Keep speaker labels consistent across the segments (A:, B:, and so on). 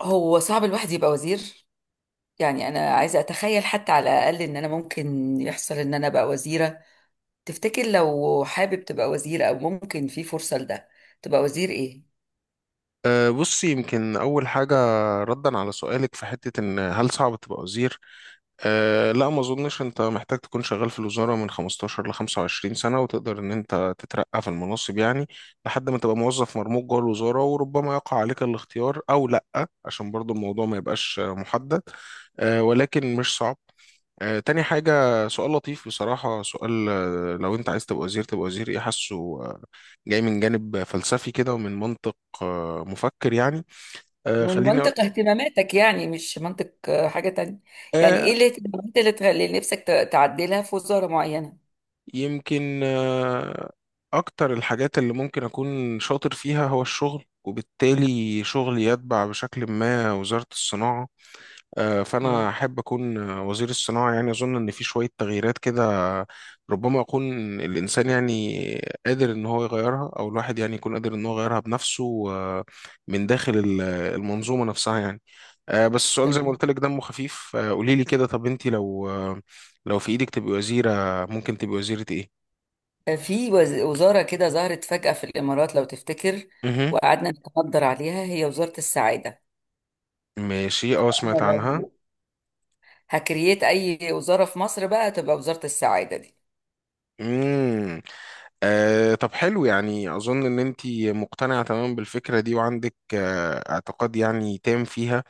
A: هو صعب الواحد يبقى وزير، يعني انا عايزه اتخيل حتى على الاقل ان انا ممكن يحصل ان انا ابقى وزيره. تفتكر لو حابب تبقى وزير او ممكن في فرصه لده؟ تبقى وزير ايه؟
B: بصي، يمكن أول حاجة ردا على سؤالك في حتة إن هل صعب تبقى وزير؟ أه، لا، ما أظنش. أنت محتاج تكون شغال في الوزارة من 15 ل 25 سنة، وتقدر إن أنت تترقى في المناصب، يعني لحد ما تبقى موظف مرموق جوه الوزارة، وربما يقع عليك الاختيار أو لأ، عشان برضو الموضوع ما يبقاش محدد. أه، ولكن مش صعب. تاني حاجة. سؤال لطيف بصراحة، سؤال، لو أنت عايز تبقى وزير، تبقى وزير إيه؟ حاسه آه، جاي من جانب فلسفي كده، ومن منطق مفكر يعني.
A: من
B: خليني أقول
A: منطق اهتماماتك، يعني مش منطق حاجه تانية. يعني
B: آه،
A: ايه الاهتمامات اللي تخلي نفسك تعدلها في وزاره معينه؟
B: يمكن أكتر الحاجات اللي ممكن أكون شاطر فيها هو الشغل، وبالتالي شغلي يتبع بشكل ما وزارة الصناعة.
A: مم.
B: فأنا أحب أكون وزير الصناعة. يعني أظن إن في شوية تغييرات كده، ربما يكون الإنسان يعني قادر إن هو يغيرها، أو الواحد يعني يكون قادر إن هو يغيرها بنفسه، من داخل المنظومة نفسها يعني. بس السؤال زي ما
A: تمام.
B: قلت لك دمه خفيف. قولي لي كده، طب أنت لو لو في إيدك تبقي وزيرة، ممكن تبقي وزيرة إيه؟
A: في وزاره كده ظهرت فجاه في الامارات لو تفتكر،
B: مهم.
A: وقعدنا نتحضر عليها، هي وزاره السعاده.
B: ماشي، أه سمعت
A: انا
B: عنها.
A: هكرييت اي وزاره في مصر بقى تبقى وزاره السعاده دي.
B: مم. آه، طب حلو، يعني أظن إن أنت مقتنعة تماما بالفكرة دي، وعندك آه اعتقاد يعني تام فيها.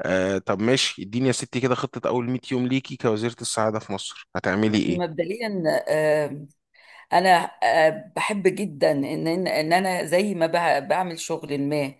B: آه طب ماشي، اديني يا ستي كده خطة أول 100 يوم ليكي كوزيرة السعادة في مصر، هتعملي إيه؟
A: مبدئيا، انا بحب جدا ان ان إن انا زي ما بعمل شغل ما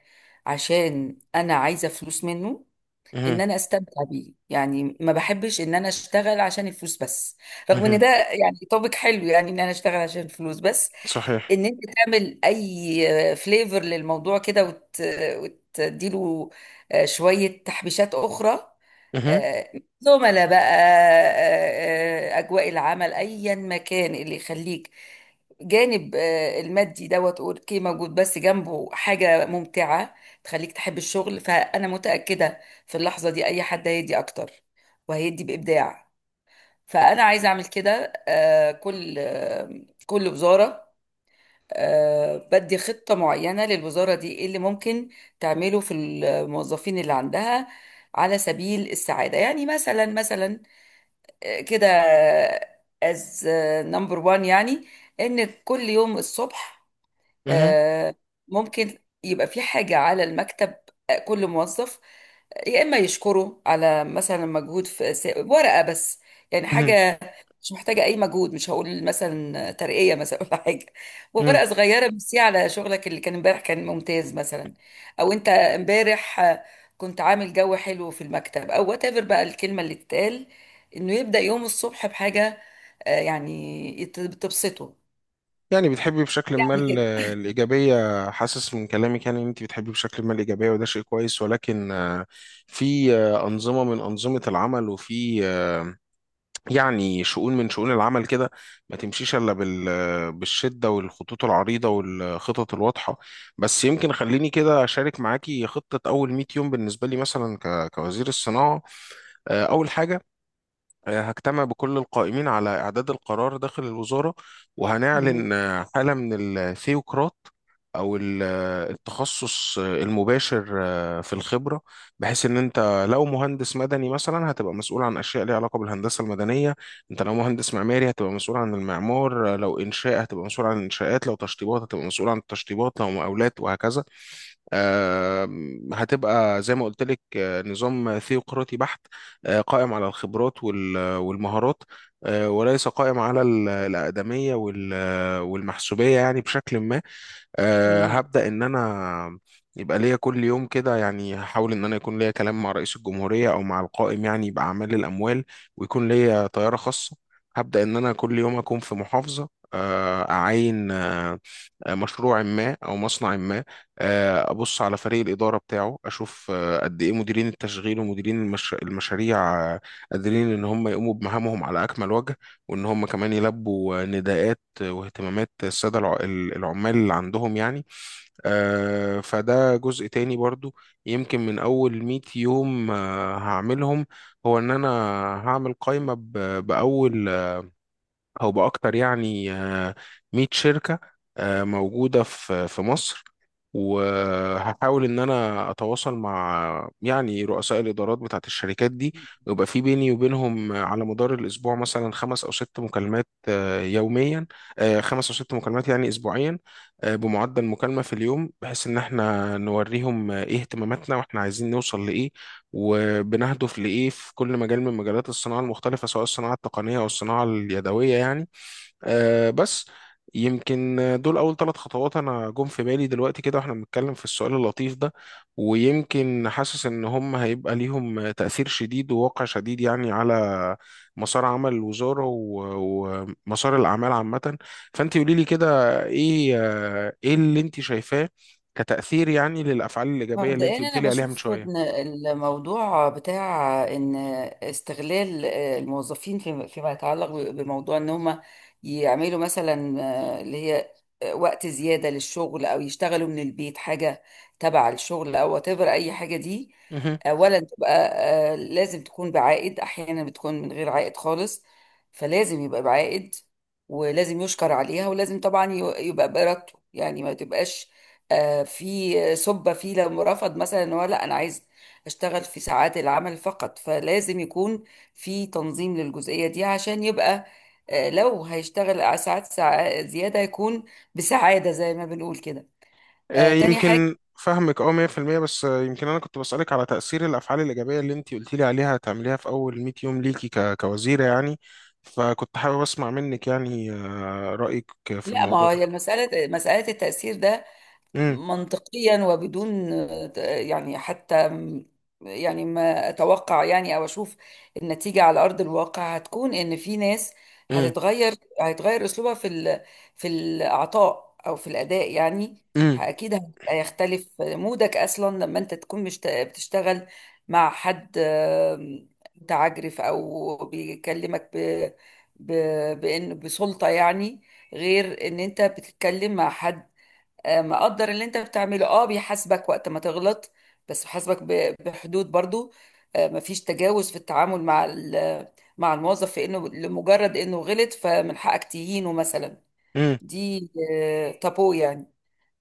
A: عشان انا عايزه فلوس منه،
B: مهم.
A: ان انا استمتع بيه. يعني ما بحبش ان انا اشتغل عشان الفلوس بس، رغم ان
B: مهم.
A: ده يعني توبيك حلو، يعني ان انا اشتغل عشان الفلوس بس.
B: صحيح.
A: ان انت تعمل اي فليفر للموضوع كده وتديله شويه تحبيشات اخرى،
B: مهم.
A: آه، زملاء بقى، أجواء العمل، أيا مكان اللي يخليك جانب المادي دوت اوكي موجود، بس جنبه حاجة ممتعة تخليك تحب الشغل. فأنا متأكدة في اللحظة دي أي حد هيدي أكتر وهيدي بإبداع. فأنا عايزة أعمل كده، كل وزارة بدي خطة معينة. للوزارة دي ايه اللي ممكن تعمله في الموظفين اللي عندها على سبيل السعادة؟ يعني مثلا مثلا كده، از نمبر وان يعني، ان كل يوم الصبح
B: مهم.
A: آه، ممكن يبقى في حاجة على المكتب، كل موظف يا إما يشكره على مثلا مجهود، في ورقة بس، يعني
B: مهم.
A: حاجة مش محتاجة أي مجهود. مش هقول مثلا ترقية مثلا ولا حاجة،
B: مهم.
A: ورقة صغيرة بس على شغلك اللي كان امبارح كان ممتاز مثلا. أو أنت امبارح كنت عامل جو حلو في المكتب، أو وات ايفر بقى الكلمة اللي تتقال، إنه يبدأ يوم الصبح بحاجة يعني تبسطه،
B: يعني بتحبي بشكل ما
A: يعني كده.
B: الإيجابية. حاسس من كلامك يعني إن أنت بتحبي بشكل ما الإيجابية، وده شيء كويس، ولكن في أنظمة من أنظمة العمل، وفي يعني شؤون من شؤون العمل كده، ما تمشيش الا بالشده والخطوط العريضه والخطط الواضحه. بس يمكن خليني كده اشارك معاكي خطه اول 100 يوم بالنسبه لي مثلا كوزير الصناعه. اول حاجه، هجتمع بكل القائمين على إعداد القرار داخل الوزارة،
A: مهم.
B: وهنعلن حالة من الثيوقراط أو التخصص المباشر في الخبرة، بحيث إن أنت لو مهندس مدني مثلا هتبقى مسؤول عن أشياء ليها علاقة بالهندسة المدنية. أنت لو مهندس معماري هتبقى مسؤول عن المعمار، لو إنشاء هتبقى مسؤول عن الإنشاءات، لو تشطيبات هتبقى مسؤول عن التشطيبات، لو مقاولات وهكذا. هتبقى زي ما قلت لك نظام ثيوقراطي بحت، قائم على الخبرات والمهارات، وليس قائم على الأقدمية والمحسوبية، يعني بشكل ما. أه،
A: مهم.
B: هبدأ إن أنا يبقى ليا كل يوم كده، يعني هحاول إن أنا يكون ليا كلام مع رئيس الجمهورية أو مع القائم، يعني يبقى أعمال الأموال، ويكون ليا طيارة خاصة. هبدأ إن أنا كل يوم أكون في محافظة، أعاين مشروع ما أو مصنع ما. أبص على فريق الإدارة بتاعه، أشوف قد إيه مديرين التشغيل ومديرين المشاريع قادرين إن هم يقوموا بمهامهم على أكمل وجه، وإن هم كمان يلبوا نداءات واهتمامات السادة العمال اللي عندهم يعني. فده جزء تاني برضو يمكن من أول 100 يوم هعملهم. هو إن أنا هعمل قائمة بأول او باكتر، يعني 100 شركه موجوده في مصر، وهحاول ان انا اتواصل مع يعني رؤساء الادارات بتاعت الشركات دي، ويبقى في بيني وبينهم على مدار الاسبوع مثلا خمس او ست مكالمات يوميا. خمس او ست مكالمات يعني اسبوعيا. بمعدل مكالمه في اليوم، بحيث ان احنا نوريهم ايه اهتماماتنا، واحنا عايزين نوصل لايه، وبنهدف لإيه في كل مجال من مجالات الصناعة المختلفة، سواء الصناعة التقنية أو الصناعة اليدوية يعني. آه بس يمكن دول أول ثلاث خطوات أنا جم في بالي دلوقتي كده، وإحنا بنتكلم في السؤال اللطيف ده. ويمكن حاسس إن هم هيبقى ليهم تأثير شديد وواقع شديد يعني على مسار عمل الوزارة، ومسار الأعمال عامة. فأنت قولي لي كده إيه إيه اللي أنت شايفاه كتأثير يعني للأفعال الإيجابية اللي أنت
A: مبدئيا
B: قلت
A: انا
B: لي عليها من
A: بشوف
B: شوية.
A: ان الموضوع بتاع ان استغلال الموظفين فيما يتعلق بموضوع ان هم يعملوا مثلا اللي هي وقت زيادة للشغل، او يشتغلوا من البيت حاجة تبع الشغل، او whatever اي حاجة دي، اولا تبقى لازم تكون بعائد. احيانا بتكون من غير عائد خالص، فلازم يبقى بعائد، ولازم يشكر عليها، ولازم طبعا يبقى براتبه، يعني ما تبقاش في سبة فيه لو رفض مثلا ان هو لا انا عايز اشتغل في ساعات العمل فقط. فلازم يكون في تنظيم للجزئية دي عشان يبقى لو هيشتغل ع- ساعات ساعة زيادة يكون بسعادة زي ما بنقول كده. تاني حاجة،
B: يمكن فهمك اه 100%، بس يمكن انا كنت بسألك على تأثير الافعال الايجابية اللي انت قلتي لي عليها هتعمليها في اول 100 يوم ليكي كوزيرة يعني. فكنت حابب اسمع منك يعني رأيك في
A: لا، ما
B: الموضوع
A: هو
B: ده.
A: هي المسألة مسألة التأثير ده
B: امم.
A: منطقيا وبدون، يعني حتى، يعني ما اتوقع، يعني او اشوف النتيجه على ارض الواقع هتكون ان في ناس
B: امم.
A: هتتغير هيتغير اسلوبها في الاعطاء او في الاداء يعني.
B: امم.
A: اكيد هيبقى يختلف مودك اصلا لما انت تكون بتشتغل مع حد متعجرف او بيكلمك بان بسلطه، يعني غير ان انت بتتكلم مع حد مقدر اللي انت بتعمله، بيحاسبك وقت ما تغلط، بس بيحاسبك بحدود برضو. مفيش تجاوز في التعامل مع الموظف في انه لمجرد انه غلط فمن حقك تهينه مثلا.
B: امم.
A: دي تابو يعني،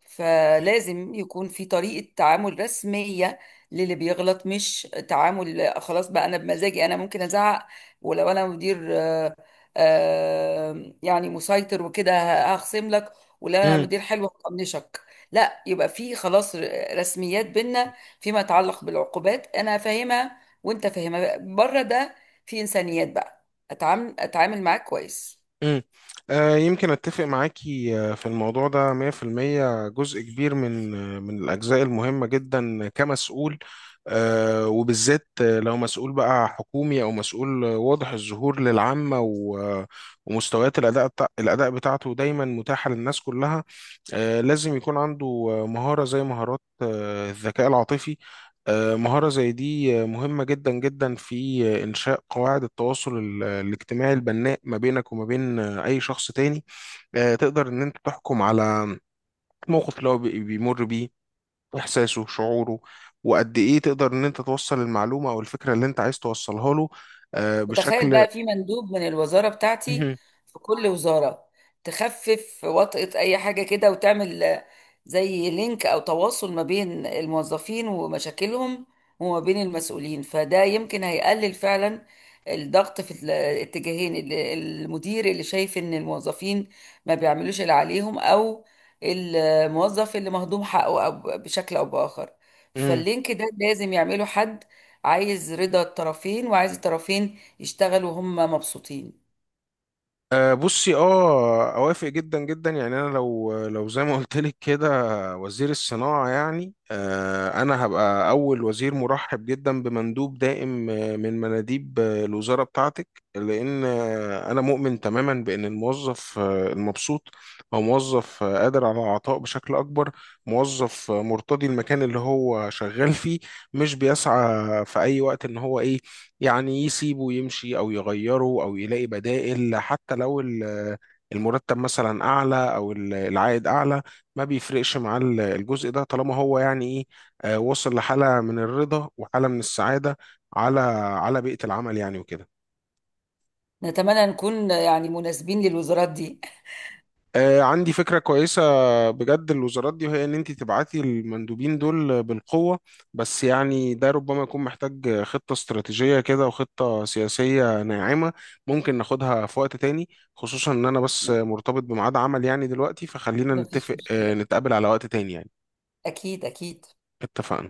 A: فلازم يكون في طريقة تعامل رسمية للي بيغلط، مش تعامل خلاص بقى أنا بمزاجي أنا ممكن أزعق، ولو أنا مدير يعني مسيطر وكده هخصم لك، ولو أنا
B: امم.
A: مدير حلو هطنشك. لا، يبقى في خلاص رسميات بينا، فيما يتعلق بالعقوبات أنا فاهمها وأنت فاهمها. بره ده، في إنسانيات بقى، أتعامل معاك كويس.
B: مم. يمكن أتفق معاكي في الموضوع ده 100%. جزء كبير من من الأجزاء المهمة جدا كمسؤول، وبالذات لو مسؤول بقى حكومي، أو مسؤول واضح الظهور للعامة، ومستويات الأداء بتاع الأداء بتاعته دايما متاحة للناس كلها. لازم يكون عنده مهارة زي مهارات الذكاء العاطفي. مهارة زي دي مهمة جدا جدا في إنشاء قواعد التواصل الاجتماعي البناء ما بينك وما بين أي شخص تاني. تقدر إن أنت تحكم على الموقف اللي هو بيمر بيه، إحساسه، شعوره، وقد إيه تقدر إن أنت توصل المعلومة أو الفكرة اللي أنت عايز توصلها له
A: وتخيل
B: بشكل.
A: بقى في مندوب من الوزارة بتاعتي في كل وزارة، تخفف وطأة أي حاجة كده وتعمل زي لينك أو تواصل ما بين الموظفين ومشاكلهم وما بين المسؤولين، فده يمكن هيقلل فعلا الضغط في الاتجاهين، المدير اللي شايف إن الموظفين ما بيعملوش اللي عليهم، أو الموظف اللي مهضوم حقه، أو بشكل أو بآخر.
B: مهم.
A: فاللينك ده لازم يعمله حد عايز رضا الطرفين، وعايز الطرفين يشتغلوا وهم مبسوطين.
B: أه بصي، اه اوافق جدا جدا يعني. انا لو زي ما قلت لك كده وزير الصناعه، يعني أه انا هبقى اول وزير مرحب جدا بمندوب دائم من مناديب الوزاره بتاعتك، لان انا مؤمن تماما بان الموظف المبسوط هو موظف قادر على العطاء بشكل اكبر. موظف مرتضي المكان اللي هو شغال فيه، مش بيسعى في اي وقت ان هو ايه، يعني يسيبه يمشي او يغيره او يلاقي بدائل. حتى لو المرتب مثلا اعلى او العائد اعلى، ما بيفرقش مع الجزء ده طالما هو يعني ايه وصل لحالة من الرضا وحالة من السعادة على على بيئة العمل يعني وكده.
A: نتمنى نكون يعني مناسبين للوزارات دي.
B: عندي فكرة كويسة بجد الوزارات دي، وهي إن أنت تبعتي المندوبين دول بالقوة. بس يعني ده ربما يكون محتاج خطة استراتيجية كده وخطة سياسية ناعمة، ممكن ناخدها في وقت تاني، خصوصا إن أنا بس مرتبط بميعاد عمل يعني دلوقتي، فخلينا
A: مفيش
B: نتفق
A: مشكلة،
B: نتقابل على وقت تاني يعني.
A: أكيد أكيد.
B: اتفقنا.